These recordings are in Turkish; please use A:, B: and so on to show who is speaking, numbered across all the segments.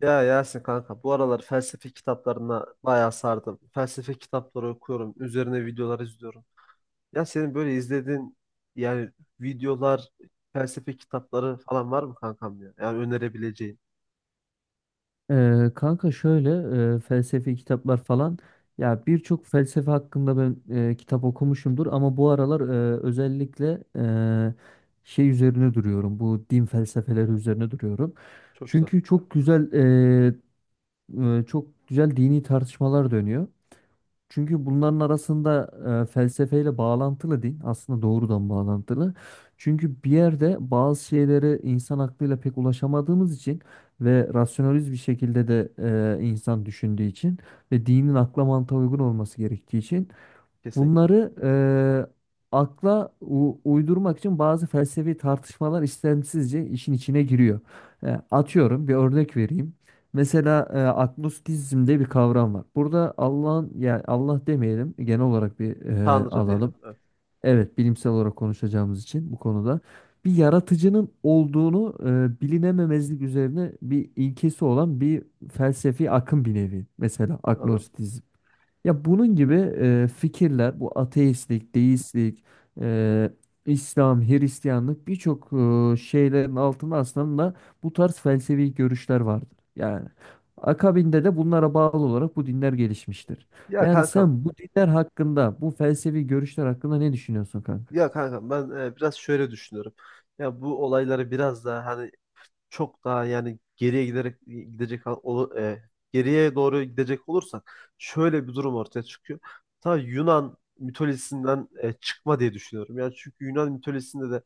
A: Ya Yasin kanka, bu aralar felsefe kitaplarına bayağı sardım. Felsefe kitapları okuyorum. Üzerine videolar izliyorum. Ya senin böyle izlediğin yani videolar, felsefe kitapları falan var mı kankam ya? Yani önerebileceğin.
B: Kanka şöyle, felsefi kitaplar falan, ya birçok felsefe hakkında ben kitap okumuşumdur, ama bu aralar özellikle şey üzerine duruyorum, bu din felsefeleri üzerine duruyorum.
A: Çok güzel.
B: Çünkü çok güzel, çok güzel dini tartışmalar dönüyor. Çünkü bunların arasında felsefeyle bağlantılı değil. Aslında doğrudan bağlantılı. Çünkü bir yerde bazı şeyleri insan aklıyla pek ulaşamadığımız için ve rasyonaliz bir şekilde de insan düşündüğü için ve dinin akla mantığa uygun olması gerektiği için
A: Kesinlikle.
B: bunları akla uydurmak için bazı felsefi tartışmalar istemsizce işin içine giriyor. Atıyorum, bir örnek vereyim. Mesela agnostizm diye bir kavram var. Burada Allah'ın, yani Allah demeyelim, genel olarak bir
A: Tanrı diyelim.
B: alalım.
A: Evet.
B: Evet, bilimsel olarak konuşacağımız için bu konuda bir yaratıcının olduğunu, bilinememezlik üzerine bir ilkesi olan bir felsefi akım bir nevi. Mesela
A: Anladım.
B: agnostizm. Ya bunun gibi fikirler, bu ateistlik, deistlik, e, İslam, Hristiyanlık, birçok şeylerin altında aslında bu tarz felsefi görüşler vardır. Yani akabinde de bunlara bağlı olarak bu dinler gelişmiştir.
A: Ya
B: Yani sen
A: kankam.
B: bu dinler hakkında, bu felsefi görüşler hakkında ne düşünüyorsun kanka?
A: Ya kankam, ben biraz şöyle düşünüyorum. Ya bu olayları biraz daha hani çok daha yani geriye giderek gidecek geriye doğru gidecek olursak şöyle bir durum ortaya çıkıyor. Ta Yunan mitolojisinden çıkma diye düşünüyorum. Yani çünkü Yunan mitolojisinde de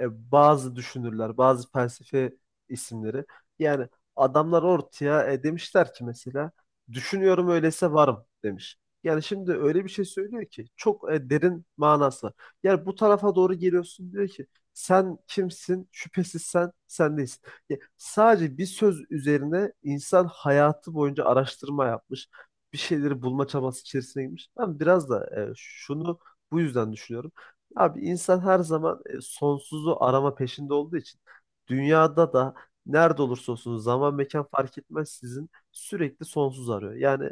A: bazı düşünürler, bazı felsefe isimleri. Yani adamlar ortaya demişler ki mesela düşünüyorum öyleyse varım demiş. Yani şimdi öyle bir şey söylüyor ki çok derin manası var. Yani bu tarafa doğru geliyorsun, diyor ki sen kimsin? Şüphesiz sen, sen değilsin. Ya, sadece bir söz üzerine insan hayatı boyunca araştırma yapmış. Bir şeyleri bulma çabası içerisine girmiş. Ben biraz da şunu bu yüzden düşünüyorum. Abi insan her zaman sonsuzu arama peşinde olduğu için dünyada da nerede olursa olsun zaman mekan fark etmez sizin sürekli sonsuz arıyor. Yani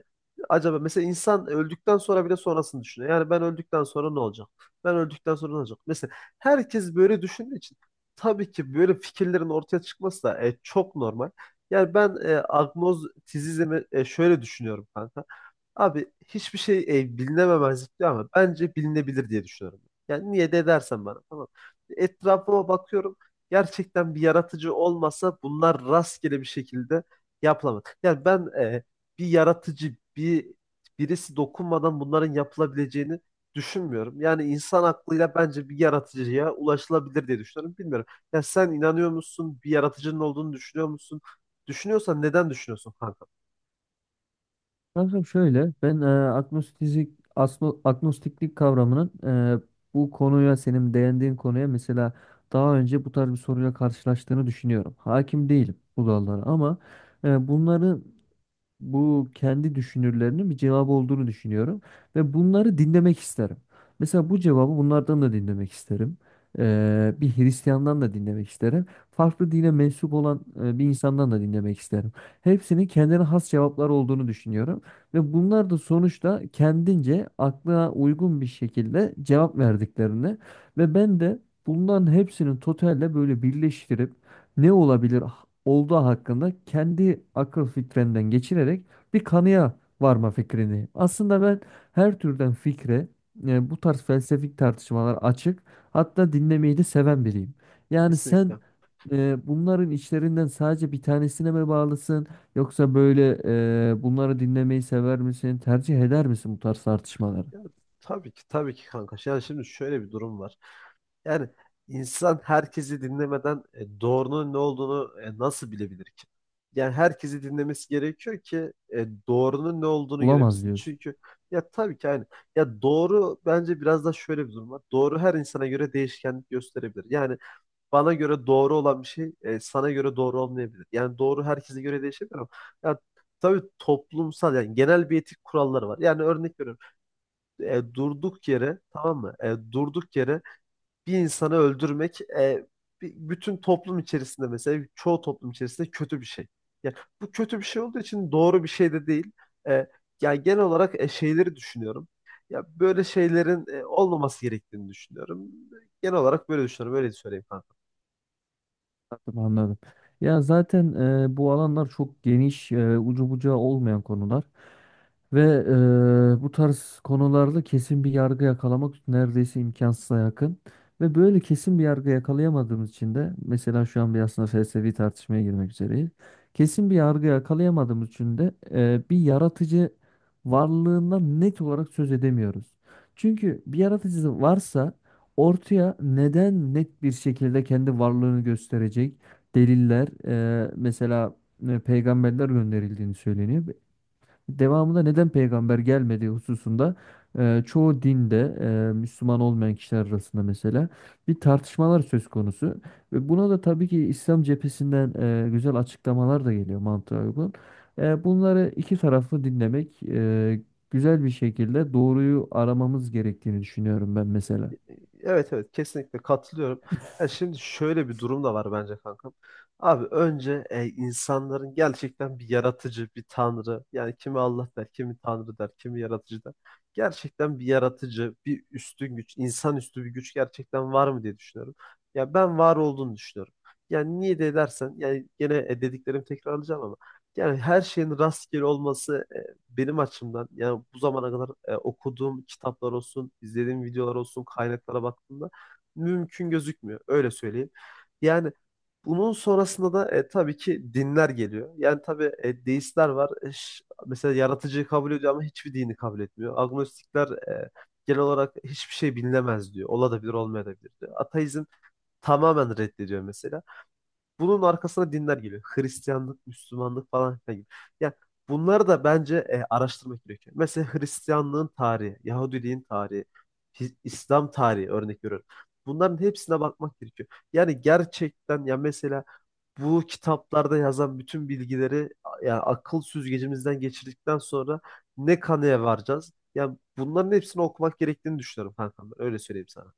A: acaba mesela insan öldükten sonra bile sonrasını düşünüyor. Yani ben öldükten sonra ne olacak? Ben öldükten sonra ne olacak? Mesela herkes böyle düşündüğü için tabii ki böyle fikirlerin ortaya çıkması da çok normal. Yani ben agnostizizmi şöyle düşünüyorum kanka. Abi hiçbir şey bilinememezlik diyor ama bence bilinebilir diye düşünüyorum. Yani niye de dersen bana tamam. Etrafıma bakıyorum. Gerçekten bir yaratıcı olmasa bunlar rastgele bir şekilde yapılamaz. Yani ben bir yaratıcı bir birisi dokunmadan bunların yapılabileceğini düşünmüyorum. Yani insan aklıyla bence bir yaratıcıya ulaşılabilir diye düşünüyorum. Bilmiyorum. Ya sen inanıyor musun? Bir yaratıcının olduğunu düşünüyor musun? Düşünüyorsan neden düşünüyorsun kanka?
B: Kankam şöyle, ben agnostiklik kavramının, e, bu konuya, senin değindiğin konuya mesela daha önce bu tarz bir soruyla karşılaştığını düşünüyorum. Hakim değilim bu dallara, ama bunları, bu kendi düşünürlerinin bir cevabı olduğunu düşünüyorum ve bunları dinlemek isterim. Mesela bu cevabı bunlardan da dinlemek isterim. Bir Hristiyan'dan da dinlemek isterim. Farklı dine mensup olan bir insandan da dinlemek isterim. Hepsinin kendine has cevaplar olduğunu düşünüyorum ve bunlar da sonuçta kendince aklına uygun bir şekilde cevap verdiklerini ve ben de bunların hepsini totalle böyle birleştirip ne olabilir, olduğu hakkında kendi akıl fitrenden geçirerek bir kanıya varma fikrini. Aslında ben her türden fikre, bu tarz felsefik tartışmalar açık, hatta dinlemeyi de seven biriyim. Yani sen
A: Kesinlikle.
B: bunların içlerinden sadece bir tanesine mi bağlısın, yoksa böyle bunları dinlemeyi sever misin, tercih eder misin bu tarz tartışmaları?
A: Yani tabii ki tabii ki kanka. Yani şimdi şöyle bir durum var. Yani insan herkesi dinlemeden doğrunun ne olduğunu nasıl bilebilir ki? Yani herkesi dinlemesi gerekiyor ki doğrunun ne olduğunu
B: Bulamaz
A: görebilsin.
B: diyorsun.
A: Çünkü ya tabii ki aynı. Ya doğru bence biraz da şöyle bir durum var. Doğru her insana göre değişkenlik gösterebilir. Yani bana göre doğru olan bir şey sana göre doğru olmayabilir. Yani doğru herkese göre değişebilir ama ya tabii toplumsal yani genel bir etik kuralları var. Yani örnek veriyorum. Durduk yere tamam mı? Durduk yere bir insanı öldürmek bütün toplum içerisinde mesela çoğu toplum içerisinde kötü bir şey. Yani bu kötü bir şey olduğu için doğru bir şey de değil. E, yani genel olarak şeyleri düşünüyorum. Ya böyle şeylerin olmaması gerektiğini düşünüyorum. Genel olarak böyle düşünüyorum. Öyle söyleyeyim, kanka.
B: Anladım, anladım. Ya zaten bu alanlar çok geniş, ucu bucağı olmayan konular ve bu tarz konularda kesin bir yargı yakalamak neredeyse imkansıza yakın. Ve böyle kesin bir yargı yakalayamadığımız için de mesela şu an bir aslında felsefi tartışmaya girmek üzereyiz. Kesin bir yargı yakalayamadığımız için de bir yaratıcı varlığından net olarak söz edemiyoruz. Çünkü bir yaratıcı varsa ortaya neden net bir şekilde kendi varlığını gösterecek deliller, mesela peygamberler gönderildiğini söyleniyor. Devamında neden peygamber gelmediği hususunda çoğu dinde, Müslüman olmayan kişiler arasında mesela bir tartışmalar söz konusu. Ve buna da tabii ki İslam cephesinden güzel açıklamalar da geliyor, mantığa uygun. Bunları iki taraflı dinlemek, güzel bir şekilde doğruyu aramamız gerektiğini düşünüyorum ben mesela.
A: Evet evet, kesinlikle katılıyorum. Ya şimdi şöyle bir durum da var bence kankam. Abi önce insanların gerçekten bir yaratıcı, bir tanrı. Yani kimi Allah der, kimi tanrı der, kimi yaratıcı der. Gerçekten bir yaratıcı, bir üstün güç, insanüstü bir güç gerçekten var mı diye düşünüyorum. Ya ben var olduğunu düşünüyorum. Yani niye de dersen, yani gene dediklerimi tekrarlayacağım ama. Yani her şeyin rastgele olması benim açımdan yani bu zamana kadar okuduğum kitaplar olsun, izlediğim videolar olsun, kaynaklara baktığımda mümkün gözükmüyor. Öyle söyleyeyim. Yani bunun sonrasında da tabii ki dinler geliyor. Yani tabii deistler var. Mesela yaratıcıyı kabul ediyor ama hiçbir dini kabul etmiyor. Agnostikler genel olarak hiçbir şey bilinemez diyor. Olabilir, olmayabilir diyor. Ateizm tamamen reddediyor mesela. Bunun arkasına dinler geliyor. Hristiyanlık, Müslümanlık falan filan gibi. Yani bunları da bence araştırmak gerekiyor. Mesela Hristiyanlığın tarihi, Yahudiliğin tarihi, İslam tarihi örnek veriyorum. Bunların hepsine bakmak gerekiyor. Yani gerçekten ya mesela bu kitaplarda yazan bütün bilgileri yani akıl süzgecimizden geçirdikten sonra ne kanıya varacağız? Yani bunların hepsini okumak gerektiğini düşünüyorum kankam, ben. Öyle söyleyeyim sana.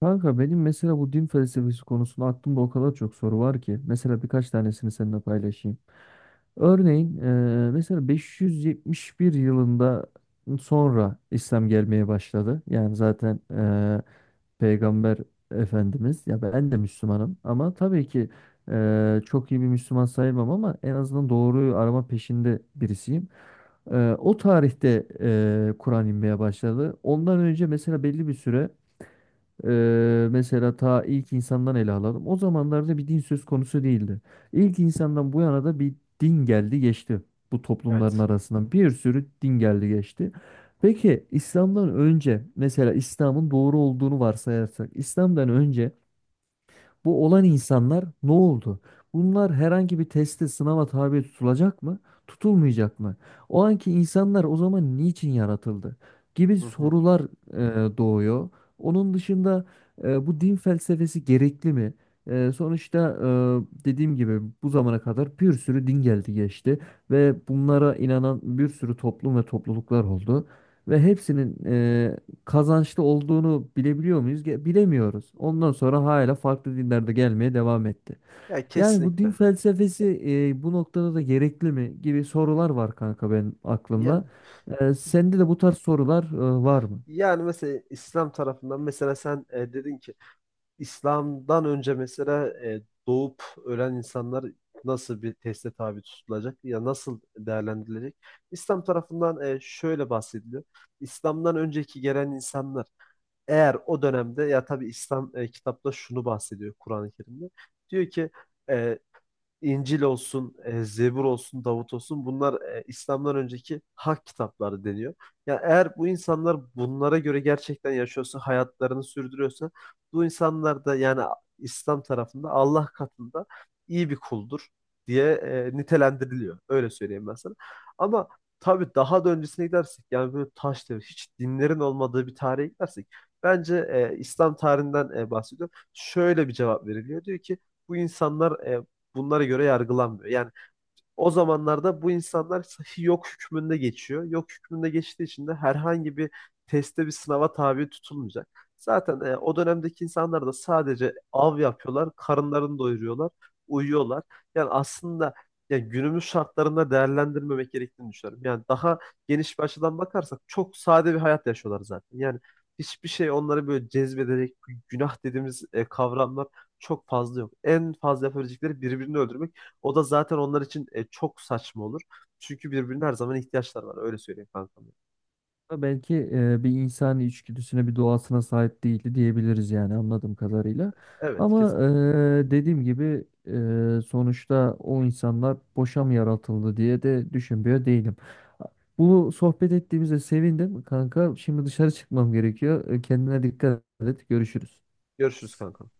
B: Kanka benim mesela bu din felsefesi konusunda aklımda o kadar çok soru var ki. Mesela birkaç tanesini seninle paylaşayım. Örneğin mesela 571 yılında sonra İslam gelmeye başladı. Yani zaten, Peygamber Efendimiz, ya ben de Müslümanım, ama tabii ki çok iyi bir Müslüman sayılmam, ama en azından doğruyu arama peşinde birisiyim. O tarihte Kur'an inmeye başladı. Ondan önce mesela belli bir süre, mesela ta ilk insandan ele alalım. O zamanlarda bir din söz konusu değildi. İlk insandan bu yana da bir din geldi geçti. Bu toplumların
A: Evet.
B: arasından bir sürü din geldi geçti. Peki İslam'dan önce, mesela İslam'ın doğru olduğunu varsayarsak, İslam'dan önce bu olan insanlar ne oldu? Bunlar herhangi bir teste, sınava tabi tutulacak mı? Tutulmayacak mı? O anki insanlar o zaman niçin yaratıldı? Gibi
A: Hı hı.
B: sorular doğuyor. Onun dışında, bu din felsefesi gerekli mi? Sonuçta, dediğim gibi, bu zamana kadar bir sürü din geldi geçti ve bunlara inanan bir sürü toplum ve topluluklar oldu. Ve hepsinin kazançlı olduğunu bilebiliyor muyuz? Bilemiyoruz. Ondan sonra hala farklı dinlerde gelmeye devam etti.
A: Ya
B: Yani bu din
A: kesinlikle.
B: felsefesi bu noktada da gerekli mi, gibi sorular var kanka benim
A: Ya
B: aklımda. Sende de bu tarz sorular var mı?
A: yani mesela İslam tarafından mesela sen dedin ki İslam'dan önce mesela doğup ölen insanlar nasıl bir teste tabi tutulacak ya nasıl değerlendirilecek? İslam tarafından şöyle bahsediliyor. İslam'dan önceki gelen insanlar eğer o dönemde ya tabii İslam kitapta şunu bahsediyor Kur'an-ı Kerim'de. Diyor ki e, İncil olsun, Zebur olsun, Davut olsun bunlar İslam'dan önceki hak kitapları deniyor. Yani eğer bu insanlar bunlara göre gerçekten yaşıyorsa, hayatlarını sürdürüyorsa bu insanlar da yani İslam tarafında Allah katında iyi bir kuldur diye nitelendiriliyor. Öyle söyleyeyim ben sana. Ama tabii daha da öncesine gidersek yani böyle taş devri, hiç dinlerin olmadığı bir tarihe gidersek bence İslam tarihinden bahsediyor. Şöyle bir cevap veriliyor. Diyor ki bu insanlar bunlara göre yargılanmıyor. Yani o zamanlarda bu insanlar sahi yok hükmünde geçiyor. Yok hükmünde geçtiği için de herhangi bir teste bir sınava tabi tutulmayacak. Zaten o dönemdeki insanlar da sadece av yapıyorlar, karınlarını doyuruyorlar, uyuyorlar. Yani aslında ya günümüz şartlarında değerlendirmemek gerektiğini düşünüyorum. Yani daha geniş bir açıdan bakarsak çok sade bir hayat yaşıyorlar zaten. Yani hiçbir şey onları böyle cezbedecek günah dediğimiz kavramlar çok fazla yok. En fazla yapabilecekleri birbirini öldürmek. O da zaten onlar için çok saçma olur. Çünkü birbirine her zaman ihtiyaçlar var. Öyle söyleyeyim kankam.
B: Ama belki bir insani içgüdüsüne, bir doğasına sahip değildi diyebiliriz, yani anladığım kadarıyla.
A: Evet
B: Ama
A: kesinlikle.
B: dediğim gibi, sonuçta o insanlar boşa mı yaratıldı diye de düşünmüyor değilim. Bu sohbet ettiğimize sevindim kanka. Şimdi dışarı çıkmam gerekiyor. Kendine dikkat et. Görüşürüz.
A: Görüşürüz kankam.